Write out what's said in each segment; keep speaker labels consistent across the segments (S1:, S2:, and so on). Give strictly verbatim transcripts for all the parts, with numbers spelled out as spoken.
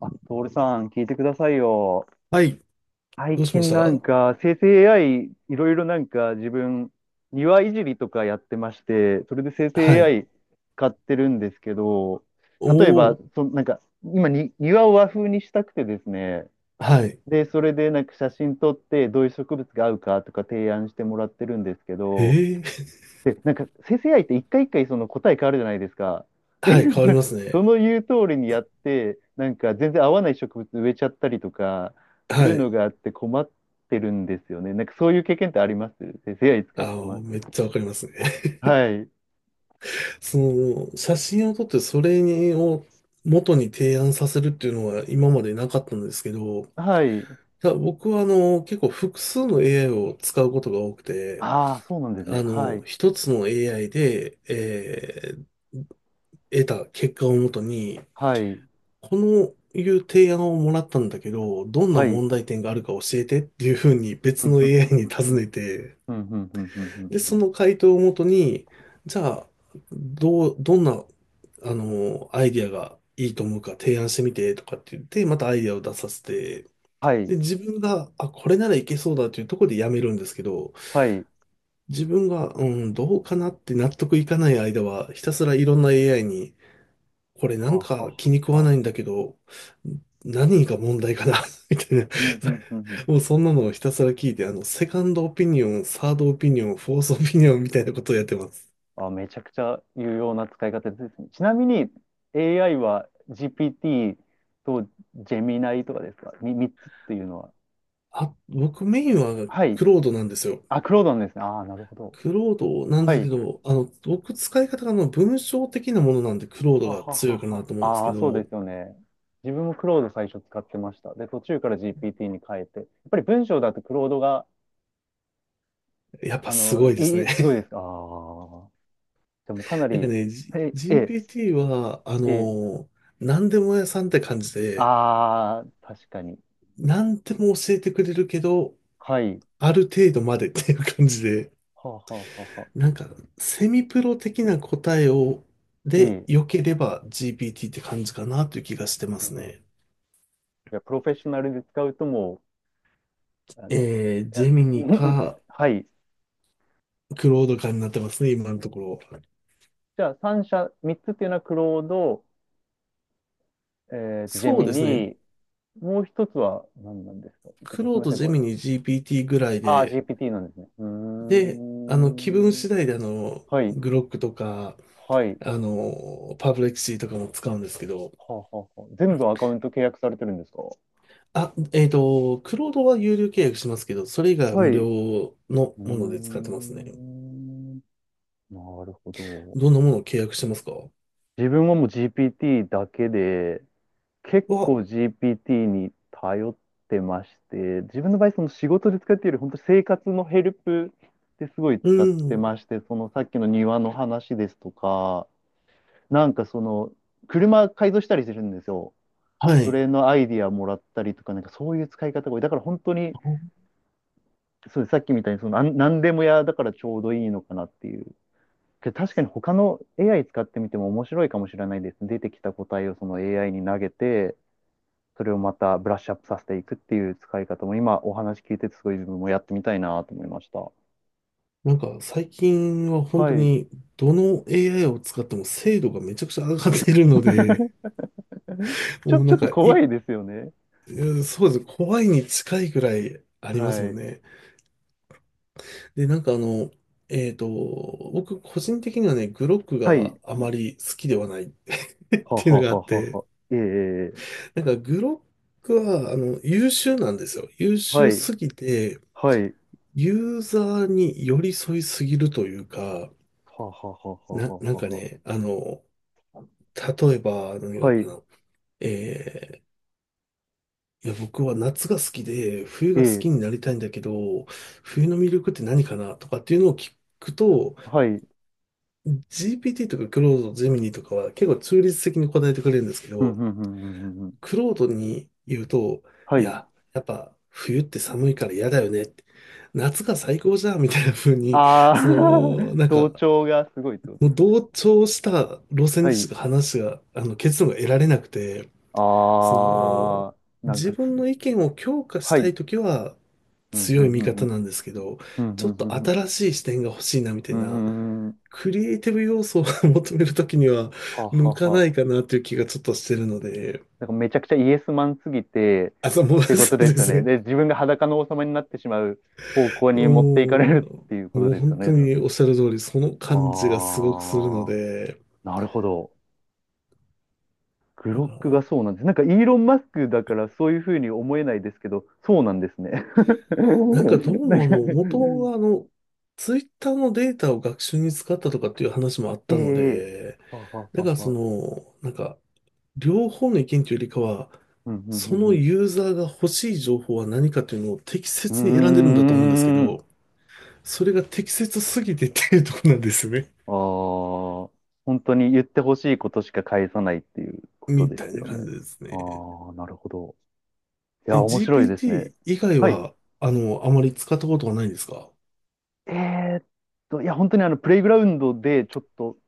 S1: あ、トールさん、聞いてくださいよ。
S2: はい。
S1: 最
S2: どうしまし
S1: 近なん
S2: た？
S1: か、生成 エーアイ、いろいろなんか自分、庭いじりとかやってまして、それで生成
S2: はい。
S1: エーアイ 使ってるんですけど、
S2: お
S1: 例えば、
S2: お、
S1: そ、なんか、今に、庭を和風にしたくてですね、
S2: はい。
S1: で、それでなんか写真撮って、どういう植物が合うかとか提案してもらってるんですけど、
S2: へえ。
S1: で、なんか生成 a って一回一回その答え変わるじゃないですか。で、
S2: はい、変わり ます
S1: そ
S2: ね。
S1: の言う通りにやって、なんか全然合わない植物植えちゃったりとか、そういう
S2: はい。
S1: のがあって困ってるんですよね。なんかそういう経験ってあります生成 エーアイ 使っ
S2: あ
S1: てもら
S2: の、
S1: っ
S2: め
S1: て。
S2: っちゃわかりますね。
S1: はい。
S2: その、写真を撮ってそれを元に提案させるっていうのは今までなかったんですけど、い
S1: はい。
S2: や僕はあの、結構複数の エーアイ を使うことが多くて、
S1: ああ、そうなんですね。
S2: あ
S1: は
S2: の、
S1: い。
S2: 一つの エーアイ で、えー得た結果をもとに、
S1: はい。
S2: このいう提案をもらったんだけど、どんな
S1: はい。
S2: 問題点があるか教えてっていうふうに
S1: ふ
S2: 別
S1: ん、
S2: の
S1: ふん、ふん、
S2: エーアイ
S1: ふ
S2: に
S1: ん、ふん、ふん、ふ
S2: 尋
S1: ん。
S2: ねて、
S1: ふんふん
S2: で、
S1: ふ
S2: そ
S1: ん。
S2: の回答をもとに、じゃあ、どう、どんな、あの、アイディアがいいと思うか提案してみてとかって言って、またアイディアを出させて、
S1: はい。
S2: で、自分が、あ、これならいけそうだというところでやめるんですけど、
S1: はい。
S2: 自分が、うん、どうかなって納得いかない間は、ひたすらいろんな エーアイ にこれな
S1: はあ、
S2: ん
S1: はあ、
S2: か
S1: は
S2: 気に食
S1: あ、
S2: わ
S1: はあ。
S2: ないんだけど、何が問題かな みたいな。
S1: うん、うん、うん、う ん。
S2: もうそんなのをひたすら聞いて、あの、セカンドオピニオン、サードオピニオン、フォースオピニオンみたいなことをやってます。
S1: あ、めちゃくちゃ有用な使い方ですね。ちなみに エーアイ は ジーピーティー とジェミナイとかですか？ さん つっていうのは。
S2: あ、僕メインは
S1: はい。
S2: クロードなんですよ。
S1: あ、クロードンですね。ああ、なるほど。
S2: クロードなんで
S1: は
S2: すけ
S1: い。
S2: ど、あの、僕使い方があの文章的なものなんでクロード
S1: はは
S2: が強い
S1: は
S2: か
S1: は。
S2: なと思うんです
S1: あ
S2: け
S1: あ、そうで
S2: ど、
S1: すよね。自分もクロード最初使ってました。で、途中から ジーピーティー に変えて。やっぱり文章だとクロードが、
S2: やっぱ
S1: あ
S2: す
S1: の、
S2: ごいです
S1: い
S2: ね。
S1: い、すごいですかああ。でもかな
S2: なんか
S1: り、
S2: ね、G-
S1: え、え、
S2: ジーピーティー は、あ
S1: え、
S2: の、何でも屋さんって感じで、
S1: ああ、確かに。
S2: 何でも教えてくれるけど、
S1: はい。
S2: ある程度までっていう感じで、
S1: はははは。
S2: なんか、セミプロ的な答えを、
S1: え
S2: で、
S1: え。
S2: 良ければ ジーピーティー って感じかなという気がしてますね。
S1: いやプロフェッショナルで使うともう、あの、
S2: えー、
S1: い
S2: ジ
S1: や
S2: ェミニ か、
S1: はい。
S2: クロードかになってますね、今のところ。
S1: じゃあさん社、みっつっていうのはクロード、えっと、ジェ
S2: そう
S1: ミ
S2: ですね。
S1: ニー、もう一つは何なんですかて
S2: ク
S1: かす
S2: ロ
S1: み
S2: ー
S1: ま
S2: ド、
S1: せん、
S2: ジ
S1: こ
S2: ェ
S1: れ。
S2: ミニ、ジーピーティー ぐらい
S1: ああ、
S2: で、
S1: ジーピーティー なんですね。うー
S2: で、あの、気分
S1: ん。
S2: 次第で、あの、
S1: はい。
S2: グロックとか、
S1: はい。
S2: あの、パブレクシーとかも使うんですけど、
S1: はあはあはあ全部アカウント契約されてるんですか。
S2: あ、えっと、クロードは有料契約しますけど、それ以外は
S1: は
S2: 無
S1: い。
S2: 料
S1: う
S2: の
S1: ー
S2: もので使ってますね。
S1: ん。なるほど。
S2: どんなものを契約してますか？
S1: 自分はもう ジーピーティー だけで、結
S2: は、
S1: 構 ジーピーティー に頼ってまして、自分の場合、その仕事で使っているより、本当生活のヘルプですごい
S2: う
S1: 使って
S2: ん、
S1: まして、そのさっきの庭の話ですとか、なんかその、車改造したりするんですよ。
S2: は
S1: そ
S2: い。
S1: れのアイディアもらったりとか、なんかそういう使い方が多い。だから本当に、そうですさっきみたいにその、なん何でも屋だからちょうどいいのかなっていう。けど確かに他の エーアイ 使ってみても面白いかもしれないです。出てきた答えをその エーアイ に投げて、それをまたブラッシュアップさせていくっていう使い方も今お話聞いててすごい自分もやってみたいなと思いました。
S2: なんか最近は本
S1: は
S2: 当
S1: い。
S2: にどの エーアイ を使っても精度がめちゃくちゃ上がってるので、
S1: ちょ、
S2: もう
S1: ち
S2: な
S1: ょっ
S2: ん
S1: と
S2: かい、
S1: 怖いですよね。
S2: うん、そうですね。怖いに近いくらいありますも
S1: は
S2: ん
S1: い。
S2: ね。で、なんかあの、えっと、僕個人的にはね、グロック
S1: はい。
S2: があまり好きではない っ
S1: は
S2: ていうの
S1: は
S2: があ
S1: はは
S2: っ
S1: は
S2: て、
S1: は。ええええ
S2: なんかグロックはあの優秀なんですよ。優
S1: は
S2: 秀
S1: い。
S2: すぎて、
S1: はい。
S2: ユーザーに寄り添いすぎるというか、
S1: はははは
S2: な、
S1: は
S2: なんか
S1: はは。
S2: ね、あの、例えば、何があ
S1: は
S2: るか
S1: い。
S2: な。えー、いや、僕は夏が好きで、冬が好
S1: え
S2: きに
S1: え
S2: なりたいんだけど、冬の魅力って何かなとかっていうのを聞くと、
S1: はい。
S2: ジーピーティー とかクロード、ゼミニとかは結構中立的に答えてくれるんですけ
S1: ふん
S2: ど、
S1: ふんふんふんふんふん。
S2: クロードに言うと、
S1: は
S2: い
S1: い。
S2: や、やっぱ冬って寒いから嫌だよねって。夏が最高じゃんみたいな風に、
S1: ああ
S2: その、なん
S1: 同
S2: か、
S1: 調がすごいってこと
S2: も
S1: で
S2: う
S1: すかね。
S2: 同調した路線
S1: は
S2: でしか
S1: い。
S2: 話が、あの、結論が得られなくて、その、
S1: ああ、なん
S2: 自
S1: かす、
S2: 分の意見を強化し
S1: は
S2: た
S1: い。
S2: いときは
S1: うん、う
S2: 強い
S1: ん、
S2: 味
S1: うん、う
S2: 方
S1: ん、
S2: なんですけど、
S1: うん、
S2: ち
S1: う
S2: ょっと
S1: ん、うん、
S2: 新しい視点が欲しいなみたい
S1: うん、う
S2: な、
S1: ん、うん、うん、
S2: クリエイティブ要素を 求めるときには
S1: はあは
S2: 向
S1: あ
S2: か
S1: は
S2: な
S1: あ。
S2: いかなという気がちょっとしてるので、
S1: なんかめちゃくちゃイエスマンすぎて、
S2: あ、そうもう
S1: っ てこと
S2: そう
S1: で
S2: で
S1: すよ
S2: す
S1: ね。
S2: ね。
S1: で、自分が裸の王様になってしまう方向に持っていかれ
S2: も
S1: るっていうこ
S2: う、
S1: と
S2: もう
S1: ですよ
S2: 本当
S1: ね、多
S2: に
S1: 分。
S2: おっしゃる通り、その感じがすごくするの
S1: ああ、
S2: で、
S1: なるほど。グ
S2: だか
S1: ロック
S2: ら
S1: がそうなんです。なんかイーロン・マスクだからそういうふうに思えないですけど、そうなんですね。
S2: なんかどう
S1: なん
S2: もあ
S1: か、
S2: の、元はあの、ツイッターのデータを学習に使ったとかっていう話もあっ
S1: え
S2: たの
S1: え
S2: で、
S1: はは
S2: だ
S1: は
S2: からそ
S1: は。
S2: の、なんか、両方の意見というよりかは、
S1: うん、うん、
S2: その
S1: うん、
S2: ユーザーが欲しい情報は何かというのを適
S1: う
S2: 切に選んでるんだと思うんですけ
S1: ん。うーん。
S2: ど、それが適切すぎてっていうとこなんですよね。
S1: ああ、本当に言ってほしいことしか返さないっていう こと
S2: み
S1: で
S2: た
S1: す
S2: いな
S1: よ
S2: 感
S1: ね。
S2: じですね。
S1: ああ、なるほど。い
S2: え、
S1: や、面白いですね。
S2: ジーピーティー 以外
S1: はい。
S2: は、あの、あまり使ったことはないんですか？
S1: えーっと、いや、本当にあの、プレイグラウンドでちょっと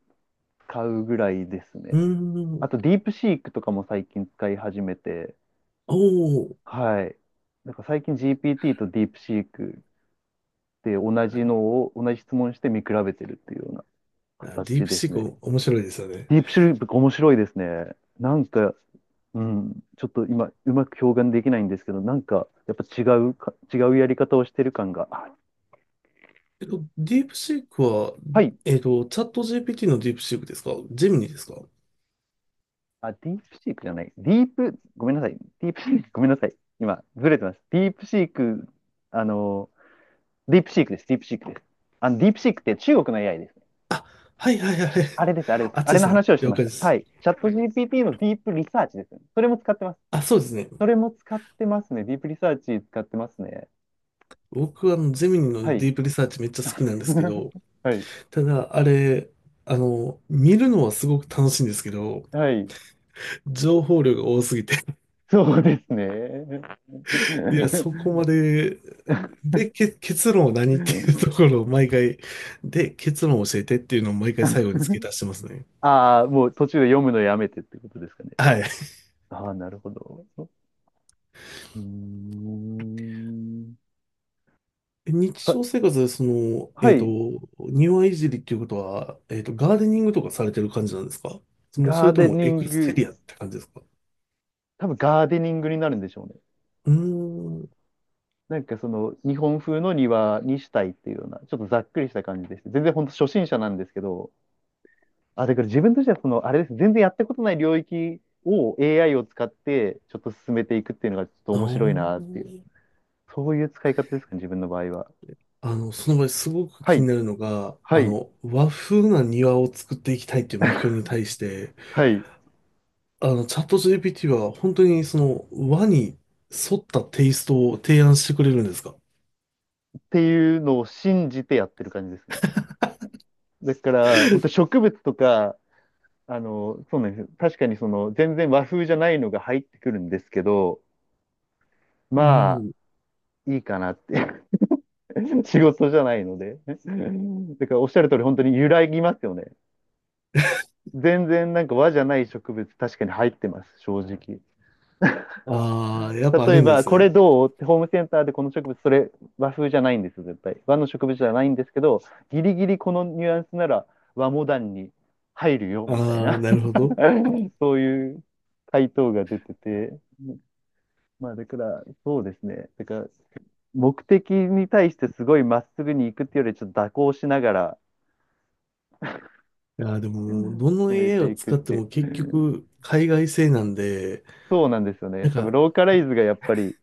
S1: 使うぐらいです
S2: う
S1: ね。
S2: ー
S1: あと、
S2: ん。
S1: ディープシークとかも最近使い始めて、
S2: おー、
S1: はい。なんか最近 ジーピーティー とディープシークで同じのを、同じ質問して見比べてるっていうような
S2: あ、ディー
S1: 形
S2: プ
S1: で
S2: シ
S1: す
S2: ー
S1: ね。
S2: ク面白いですよね。
S1: ディープシュリー面白いですね。なんか、うん、ちょっと今、うまく表現できないんですけど、なんか、やっぱ違うか、違うやり方をしてる感が、あ
S2: えっと、ディープシークは、
S1: はい、
S2: えっと、チャット ジーピーティー のディープシークですか？ジェミニですか？
S1: あ、ディープシークじゃない、ディープ、ごめんなさい、ディープシーク、ごめんなさい、今、ずれてます。ディープシーク、あの、ディープシークです、ディープシークです。あの、ディープシークって中国の エーアイ です。
S2: あ、はいはいはいはい。
S1: あれです、あれで す。
S2: あっち
S1: あ
S2: で
S1: れの
S2: すね。
S1: 話をして
S2: 了
S1: まし
S2: 解で
S1: た。は
S2: す。
S1: い。チャット ジーピーティー のディープリサーチですね。それも使ってます。
S2: あ、そうですね。
S1: それも使ってますね。ディープリサーチ使ってますね。
S2: 僕はあの、ゼミニ
S1: は
S2: の
S1: い。
S2: ディープリサーチめっちゃ好きなんですけど、
S1: はい。
S2: ただ、あれ、あの、見るのはすごく楽しいんですけど、
S1: はい。
S2: 情報量が多すぎて、
S1: そうですね。
S2: いや、そこまで、で、け結論は何っていうとこ ろを毎回、で、結論を教えてっていうのを毎回最後に付け足してますね。
S1: ああ、もう途中で読むのやめてってことですかね。
S2: はい。
S1: ああ、なるほど。うーん。
S2: 日
S1: は、
S2: 常生活でその、
S1: は
S2: えっと、
S1: い。
S2: 庭いじりっていうことは、えっと、ガーデニングとかされてる感じなんですか？もうそ
S1: ガ
S2: れ
S1: ー
S2: と
S1: デ
S2: も
S1: ニ
S2: エク
S1: ン
S2: ステ
S1: グ、
S2: リアって感じですか？
S1: 多分ガーデニングになるんでしょうね。
S2: うーん、
S1: なんかその日本風の庭にしたいっていうような、ちょっとざっくりした感じです。全然本当初心者なんですけど、あ、だから自分としてはその、あれです。全然やったことない領域を エーアイ を使ってちょっと進めていくっていうのがちょっと
S2: あ
S1: 面白いなっていう。
S2: ー、
S1: そういう使い方ですかね、自分の場合は。
S2: あの、その場合すごく
S1: は
S2: 気に
S1: い、
S2: なるのが、
S1: は
S2: あ
S1: い、
S2: の、和風な庭を作っていきたいっていう目標に対して、
S1: はい。っ
S2: あの、チャット ジーピーティー は本当にその和に沿ったテイストを提案してくれるんですか？
S1: ていうのを信じてやってる感じですね。だから、本当植物とか、あの、そうなんですよ。確かにその、全然和風じゃないのが入ってくるんですけど、
S2: う
S1: まあ、
S2: ん。
S1: いいかなって。仕事じゃないので。だから、おっしゃる通り、本当に揺らぎますよね。全然なんか和じゃない植物、確かに入ってます、正直。
S2: ああ、やっぱあ
S1: 例
S2: る
S1: え
S2: んで
S1: ば、
S2: す
S1: これ
S2: ね。
S1: どうってホームセンターでこの植物、それ和風じゃないんですよ、絶対。和の植物じゃないんですけど、ギリギリこのニュアンスなら和モダンに入るよ、みたい
S2: ああ、
S1: な。
S2: なるほど。
S1: そういう回答が出てて。まあ、だから、そうですね。だから、目的に対してすごいまっすぐに行くっていうより、ちょっと蛇行しながら
S2: いやー、でも、どの
S1: 進め
S2: エーアイ
S1: て
S2: を
S1: いく
S2: 使
S1: っ
S2: って
S1: ていう。
S2: も
S1: う
S2: 結
S1: ん
S2: 局、海外製なんで、
S1: そうなんですよ
S2: な
S1: ね。
S2: ん
S1: 多分、
S2: か、
S1: ローカライズがやっぱり、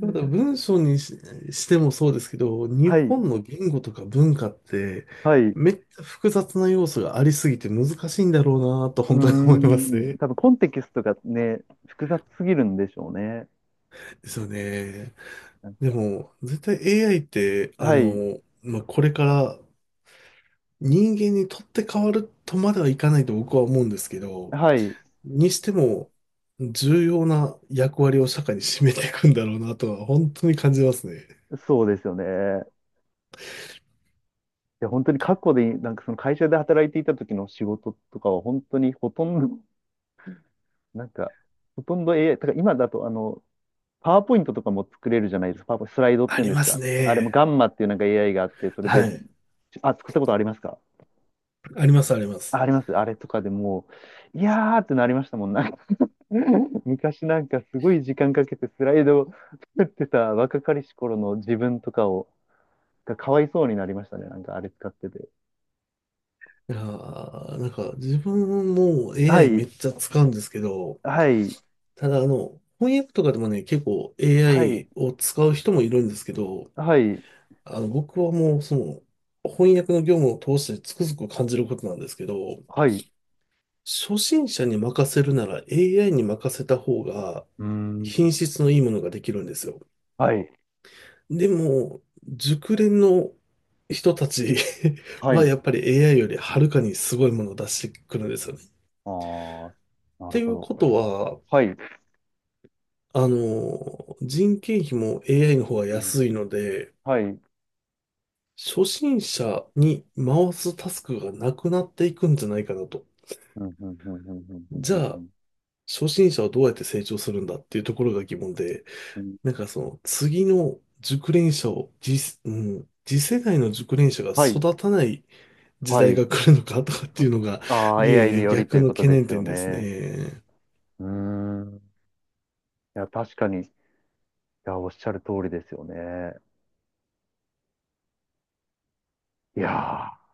S2: また文章にし、してもそうですけど、日
S1: はい、
S2: 本の言語とか文化って、
S1: はい、
S2: めっちゃ複雑な要素がありすぎて難しいんだろうなと
S1: うー
S2: 本当に思います
S1: ん、
S2: ね。
S1: 多分コンテキストがね、複雑すぎるんでしょうね。
S2: ですよね。
S1: なん
S2: で
S1: か、
S2: も、絶対 エーアイ って、あ
S1: はい、
S2: の、まあ、これから人間にとって変わるとまではいかないと僕は思うんですけど、
S1: はい、
S2: にしても、重要な役割を社会に占めていくんだろうなとは、本当に感じますね。
S1: そうですよね。いや、本当に過去で、なんかその会社で働いていた時の仕事とかは本当にほとんど、なんか、ほとんど エーアイ、だから今だとあの、パワーポイントとかも作れるじゃないですか。パワーポイント、スライドっ
S2: あ
S1: ていうん
S2: り
S1: です
S2: ます
S1: か。あれもガ
S2: ね。
S1: ンマっていうなんか エーアイ があって、それで、
S2: はい。
S1: あ、作ったことありますか
S2: あります、ありま
S1: あ
S2: す。
S1: あります。あれとかでもう、いやーってなりましたもん。昔なんかすごい時間かけてスライドを作ってた若かりし頃の自分とかを、がかわいそうになりましたね。なんかあれ使ってて。
S2: いやーなんか、自分も
S1: は
S2: エーアイ めっ
S1: い、
S2: ちゃ使うんですけど、
S1: はい、
S2: ただ、あの、翻訳とかでもね、結構
S1: はい、
S2: エーアイ を使う人もいるんですけど、
S1: はい、
S2: あの、僕はもう、その、翻訳の業務を通してつくづく感じることなんですけど、
S1: はい。う
S2: 初心者に任せるなら エーアイ に任せた方が
S1: ー
S2: 品
S1: ん。
S2: 質のいいものができるんですよ。
S1: はい、
S2: でも、熟練の人たち
S1: は
S2: は
S1: い。
S2: やっぱり エーアイ よりはるかにすごいものを出してくるんですよね。っ
S1: ああ、なる
S2: てい
S1: ほ
S2: う
S1: ど。
S2: ことは、
S1: はい。
S2: あの、人件費も エーアイ の方が
S1: うん
S2: 安いので、
S1: はい。うん
S2: 初心者に回すタスクがなくなっていくんじゃないかなと。
S1: うんうんうんうんう
S2: じゃ
S1: んう
S2: あ、
S1: ん
S2: 初心者はどうやって成長するんだっていうところが疑問で、
S1: うん
S2: なんかその次の熟練者を次、うん、次世代の熟練者が
S1: はい、
S2: 育たない時
S1: は
S2: 代
S1: い。
S2: が来るのかとかっていうのが、
S1: ああ、
S2: い
S1: エーアイ
S2: えい
S1: に
S2: え、
S1: よりと
S2: 逆
S1: いう
S2: の
S1: こと
S2: 懸
S1: で
S2: 念
S1: すよ
S2: 点です
S1: ね。
S2: ね。
S1: うーん。いや、確かに。いや、おっしゃる通りですよね。いやー。